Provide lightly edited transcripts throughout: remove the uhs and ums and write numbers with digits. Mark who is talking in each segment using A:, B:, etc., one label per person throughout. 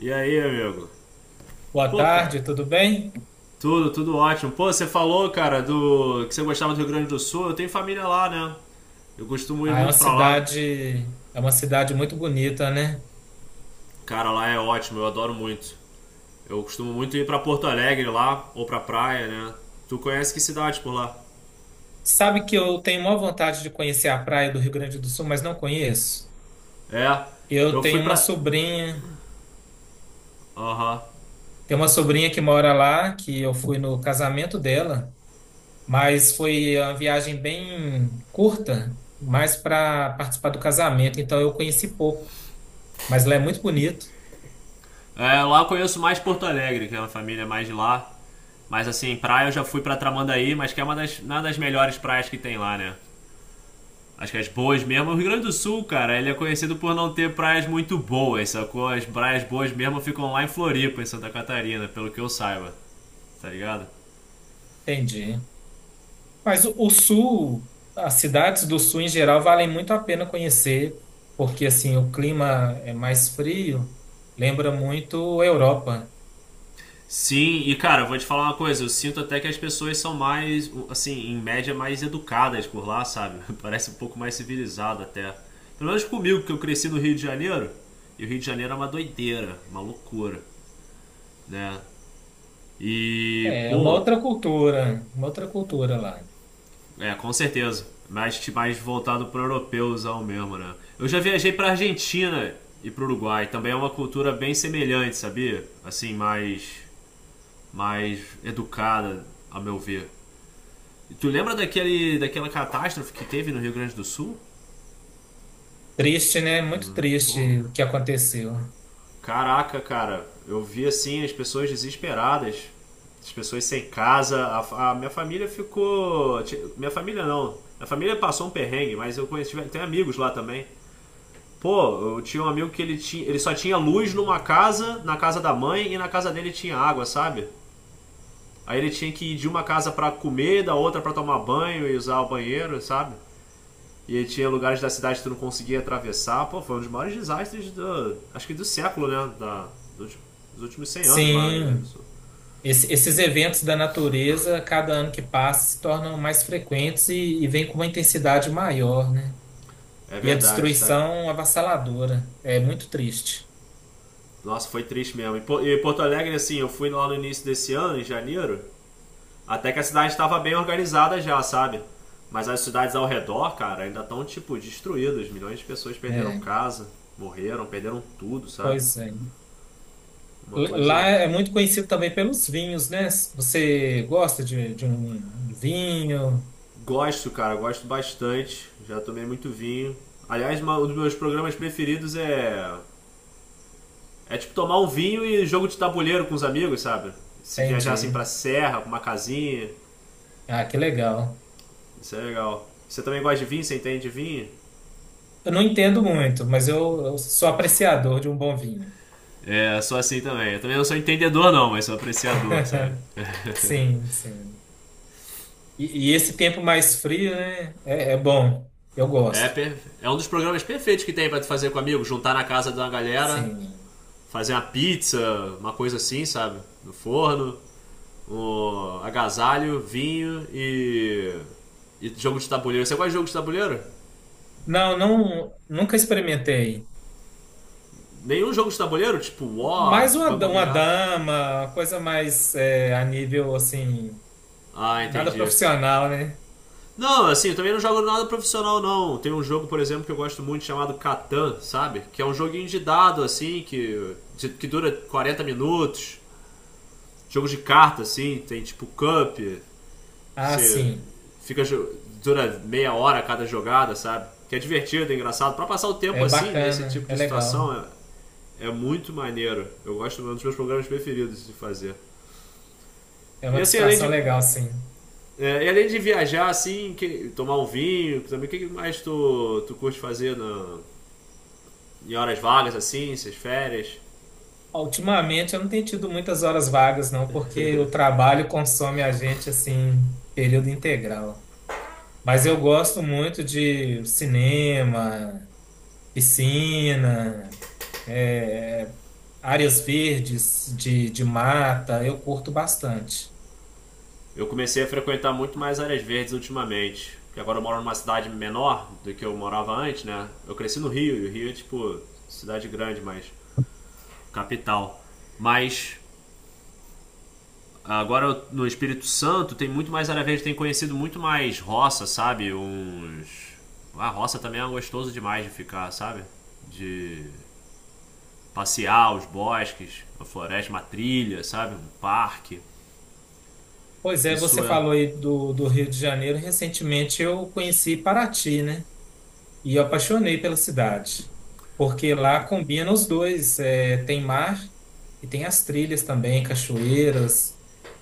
A: E aí, amigo?
B: Boa
A: Pô, cara,
B: tarde, tudo bem?
A: tudo ótimo. Pô, você falou, cara, do que você gostava do Rio Grande do Sul. Eu tenho família lá, né? Eu costumo ir
B: Ah,
A: muito pra lá.
B: é uma cidade muito bonita, né?
A: Cara, lá é ótimo, eu adoro muito. Eu costumo muito ir pra Porto Alegre lá, ou pra praia, né? Tu conhece que cidade por lá?
B: Sabe que eu tenho maior vontade de conhecer a praia do Rio Grande do Sul, mas não conheço.
A: É,
B: Eu
A: eu fui
B: tenho uma
A: pra.
B: sobrinha,
A: Aham.
B: Tenho uma sobrinha que mora lá, que eu fui no casamento dela, mas foi uma viagem bem curta, mais para participar do casamento, então eu conheci pouco, mas lá é muito bonito.
A: É, lá eu conheço mais Porto Alegre, que é uma família mais de lá. Mas assim, praia eu já fui pra Tramandaí, mas que é uma das melhores praias que tem lá, né? Acho que as boas mesmo. O Rio Grande do Sul, cara, ele é conhecido por não ter praias muito boas, sacou? As praias boas mesmo ficam lá em Floripa, em Santa Catarina, pelo que eu saiba. Tá ligado?
B: Entendi. Mas o sul, as cidades do sul em geral valem muito a pena conhecer, porque assim o clima é mais frio, lembra muito a Europa.
A: Sim, e cara, eu vou te falar uma coisa, eu sinto até que as pessoas são mais, assim, em média, mais educadas por lá, sabe? Parece um pouco mais civilizado até. Pelo menos comigo, que eu cresci no Rio de Janeiro, e o Rio de Janeiro é uma doideira, uma loucura, né? E,
B: É uma
A: pô.
B: uma outra cultura lá.
A: É, com certeza. Mais voltado para o europeuzão mesmo, né? Eu já viajei para Argentina e para o Uruguai. Também é uma cultura bem semelhante, sabia? Assim, mais educada, a meu ver. E tu lembra daquela catástrofe que teve no Rio Grande do Sul?
B: Triste, né? Muito
A: Pô,
B: triste o que aconteceu.
A: caraca, cara. Eu vi assim as pessoas desesperadas, as pessoas sem casa. A minha família ficou. Minha família não. Minha família passou um perrengue, mas eu conheci, tem amigos lá também. Pô, eu tinha um amigo que ele só tinha luz numa casa, na casa da mãe, e na casa dele tinha água, sabe? Aí ele tinha que ir de uma casa pra comer, da outra pra tomar banho e usar o banheiro, sabe? E tinha lugares da cidade que tu não conseguia atravessar. Pô, foi um dos maiores desastres do, acho que do século, né? Dos, dos últimos 100 anos lá no Rio Grande do
B: Sim,
A: Sul.
B: esses eventos da natureza, cada ano que passa, se tornam mais frequentes e vêm com uma intensidade maior, né?
A: É
B: E a
A: verdade, tá?
B: destruição avassaladora. É muito triste.
A: Nossa, foi triste mesmo. E Porto Alegre, assim, eu fui lá no início desse ano, em janeiro, até que a cidade estava bem organizada já, sabe? Mas as cidades ao redor, cara, ainda estão, tipo, destruídas. Milhões de pessoas perderam
B: É,
A: casa, morreram, perderam tudo, sabe?
B: pois é.
A: Uma
B: Lá
A: coisa.
B: é muito conhecido também pelos vinhos, né? Você gosta de um vinho?
A: Gosto, cara, gosto bastante. Já tomei muito vinho. Aliás, um dos meus programas preferidos é. É tipo tomar um vinho e jogo de tabuleiro com os amigos, sabe? Se viajar assim
B: Entendi.
A: pra serra, pra uma casinha.
B: Ah, que legal.
A: Isso é legal. Você também gosta de vinho? Você entende de vinho?
B: Eu não entendo muito, mas eu sou apreciador de um bom vinho.
A: É, sou assim também. Eu também não sou entendedor, não, mas sou apreciador, sabe?
B: Sim, sim. E esse tempo mais frio, né? É bom. Eu
A: É,
B: gosto.
A: é um dos programas perfeitos que tem pra tu fazer com amigos, juntar na casa de uma galera,
B: Sim.
A: fazer uma pizza, uma coisa assim, sabe? No forno, um agasalho, vinho e jogo de tabuleiro. Você gosta de jogo de tabuleiro?
B: Não, não, nunca experimentei.
A: Nenhum jogo de tabuleiro? Tipo War, Banco
B: Uma
A: Imobiliário?
B: dama, uma coisa mais é, a nível assim,
A: Ah,
B: nada
A: entendi.
B: profissional, né?
A: Não, assim, eu também não jogo nada profissional, não. Tem um jogo, por exemplo, que eu gosto muito chamado Catan, sabe? Que é um joguinho de dado, assim, que dura 40 minutos. Jogo de carta, assim, tem tipo Cup, que
B: Ah,
A: você
B: sim.
A: fica. Dura meia hora cada jogada, sabe? Que é divertido, é engraçado. Pra passar o tempo
B: É
A: assim, nesse
B: bacana,
A: tipo
B: é
A: de situação,
B: legal.
A: é muito maneiro. Eu gosto, é um dos meus programas preferidos de fazer.
B: É
A: E
B: uma
A: assim, além
B: distração
A: de.
B: legal, sim.
A: É, e além de viajar, assim, tomar um vinho, também, o que que mais tu curte fazer em horas vagas, assim, essas férias?
B: Ah, ultimamente eu não tenho tido muitas horas vagas, não, porque o trabalho consome a gente assim, período integral. Mas eu gosto muito de cinema, piscina, é, áreas verdes de mata, eu curto bastante.
A: Eu comecei a frequentar muito mais áreas verdes ultimamente. Porque agora eu moro numa cidade menor do que eu morava antes, né? Eu cresci no Rio, e o Rio é tipo cidade grande, mas capital. Mas agora no Espírito Santo tem muito mais área verde, tem conhecido muito mais roça, sabe? Uns. A roça também é gostoso demais de ficar, sabe? De passear os bosques, a floresta, uma trilha, sabe? Um parque.
B: Pois é,
A: Isso
B: você
A: é.
B: falou aí do Rio de Janeiro. Recentemente eu conheci Paraty, né? E eu apaixonei pela cidade, porque lá combina os dois, é, tem mar e tem as trilhas também, cachoeiras.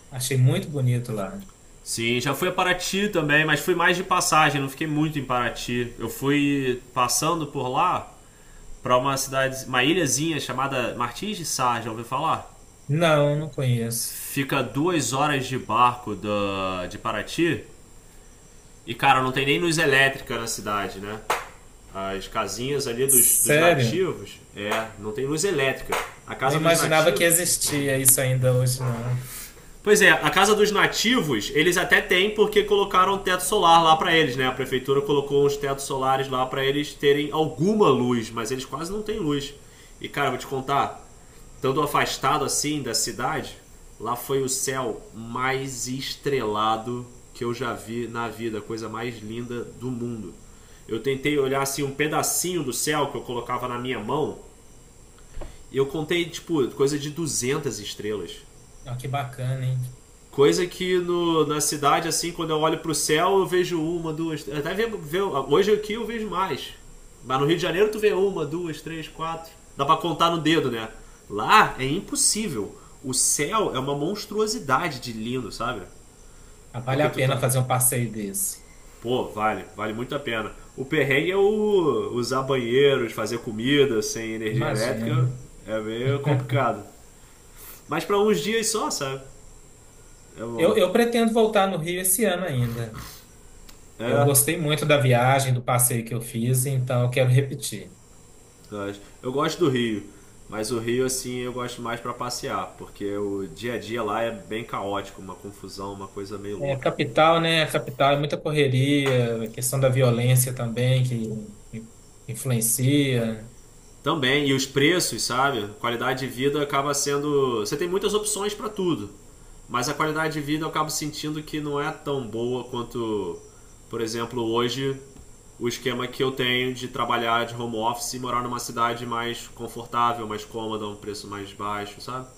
B: Achei muito bonito lá.
A: Sim, já fui a Paraty também, mas fui mais de passagem, não fiquei muito em Paraty. Eu fui passando por lá para uma cidade, uma ilhazinha chamada Martins de Sá, já ouviu falar?
B: Não, não conheço.
A: Fica 2 horas de barco da, de Paraty e, cara, não tem nem luz elétrica na cidade, né? As casinhas ali dos
B: Sério?
A: nativos, é, não tem luz elétrica. A
B: Não
A: casa dos
B: imaginava que
A: nativos.
B: existia isso ainda hoje, não.
A: Pois é, a casa dos nativos, eles até têm porque colocaram um teto solar lá pra eles, né? A prefeitura colocou uns tetos solares lá pra eles terem alguma luz, mas eles quase não têm luz. E cara, vou te contar, estando afastado assim da cidade, lá foi o céu mais estrelado que eu já vi na vida, a coisa mais linda do mundo. Eu tentei olhar assim um pedacinho do céu que eu colocava na minha mão, e eu contei tipo coisa de 200 estrelas.
B: Ó, que bacana, hein?
A: Coisa que no, na cidade, assim, quando eu olho pro céu, eu vejo uma, duas. Até hoje aqui eu vejo mais. Mas no Rio de Janeiro tu vê uma, duas, três, quatro. Dá pra contar no dedo, né? Lá é impossível. O céu é uma monstruosidade de lindo, sabe?
B: Ah, vale
A: Porque
B: a
A: tu
B: pena
A: tá.
B: fazer um passeio desse.
A: Pô, vale muito a pena. O perrengue é o usar banheiros, fazer comida sem energia elétrica.
B: Imagino.
A: É meio complicado. Mas pra uns dias só, sabe? É bom.
B: Eu pretendo voltar no Rio esse ano ainda. Eu
A: É,
B: gostei muito da viagem, do passeio que eu fiz, então eu quero repetir.
A: eu gosto do Rio, mas o Rio, assim, eu gosto mais para passear, porque o dia a dia lá é bem caótico, uma confusão, uma coisa meio
B: É,
A: louca.
B: capital, né? Capital é muita correria, a questão da violência também que in- influencia.
A: Também, e os preços, sabe? Qualidade de vida acaba sendo. Você tem muitas opções para tudo, mas a qualidade de vida eu acabo sentindo que não é tão boa quanto, por exemplo, hoje o esquema que eu tenho de trabalhar de home office e morar numa cidade mais confortável, mais cômoda, um preço mais baixo, sabe?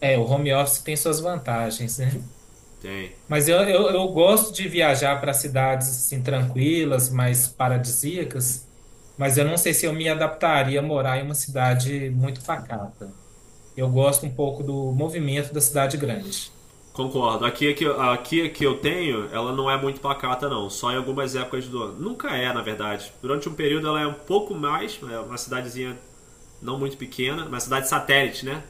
B: É, o home office tem suas vantagens, né?
A: Tem.
B: Mas eu gosto de viajar para cidades assim tranquilas, mais paradisíacas, mas eu não sei se eu me adaptaria a morar em uma cidade muito pacata. Eu gosto um pouco do movimento da cidade grande.
A: Concordo. Aqui é que eu tenho, ela não é muito pacata, não. Só em algumas épocas do ano. Nunca é, na verdade. Durante um período ela é um pouco mais, é uma cidadezinha não muito pequena, uma cidade satélite, né?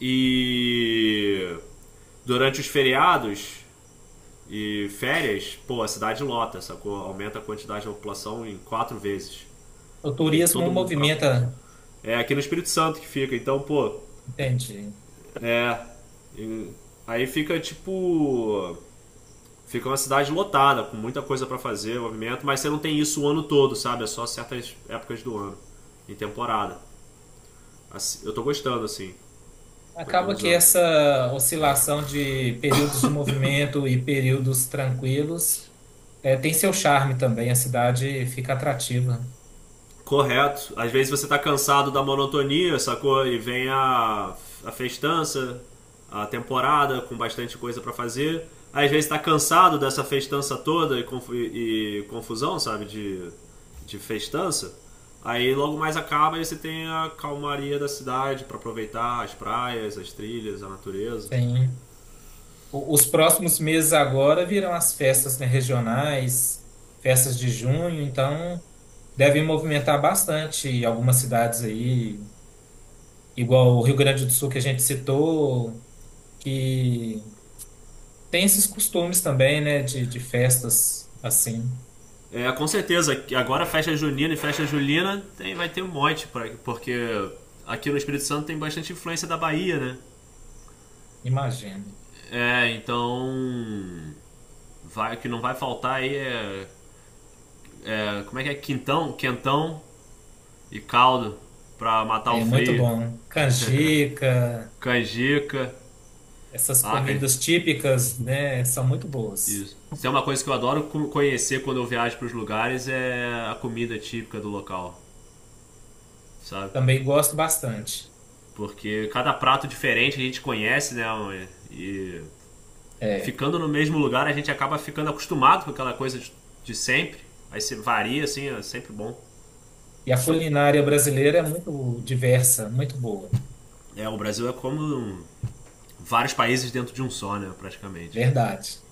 A: E durante os feriados e férias, pô, a cidade lota, sacou? Aumenta a quantidade da população em quatro vezes.
B: O
A: Que vem
B: turismo
A: todo mundo pra.
B: movimenta,
A: É aqui no Espírito Santo que fica, então, pô,
B: entende?
A: é. e- Aí fica tipo. Fica uma cidade lotada, com muita coisa para fazer, movimento, mas você não tem isso o ano todo, sabe? É só certas épocas do ano, em temporada. Assim, eu tô gostando, assim. Tô aqui há
B: Acaba
A: uns
B: que
A: anos já.
B: essa oscilação de períodos de movimento e períodos tranquilos tem seu charme também. A cidade fica atrativa.
A: Correto. Às vezes você tá cansado da monotonia, sacou? E vem a festança, a temporada com bastante coisa pra fazer. Às vezes tá cansado dessa festança toda e confusão, sabe? De festança. Aí logo mais acaba e você tem a calmaria da cidade pra aproveitar as praias, as trilhas, a natureza.
B: Sim. O- Os próximos meses agora virão as festas, né, regionais, festas de junho, então devem movimentar bastante algumas cidades aí, igual o Rio Grande do Sul que a gente citou, que tem esses costumes também, né, de festas assim,
A: É, com certeza, que agora festa junina e festa julina tem, vai ter um monte, pra, porque aqui no Espírito Santo tem bastante influência da Bahia, né?
B: imagino.
A: É, então. Vai, o que não vai faltar aí é. Como é que é? Quentão e caldo pra matar o
B: É muito
A: frio.
B: bom. Canjica,
A: Canjica.
B: essas
A: Ah, can-
B: comidas típicas, né, são muito boas.
A: isso. Isso é uma coisa que eu adoro conhecer quando eu viajo pros lugares é a comida típica do local, sabe?
B: Também gosto bastante.
A: Porque cada prato diferente a gente conhece, né? E
B: É.
A: ficando no mesmo lugar a gente acaba ficando acostumado com aquela coisa de sempre. Aí você varia, assim, é sempre bom.
B: E a culinária brasileira é muito diversa, muito boa.
A: É, o Brasil é como vários países dentro de um só, né? Praticamente.
B: Verdade.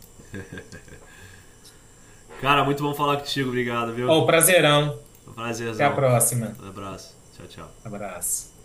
A: Cara, muito bom falar contigo, obrigado, viu?
B: Ó, prazerão.
A: Foi um
B: Até a
A: prazerzão.
B: próxima.
A: Um abraço. Tchau, tchau.
B: Abraço.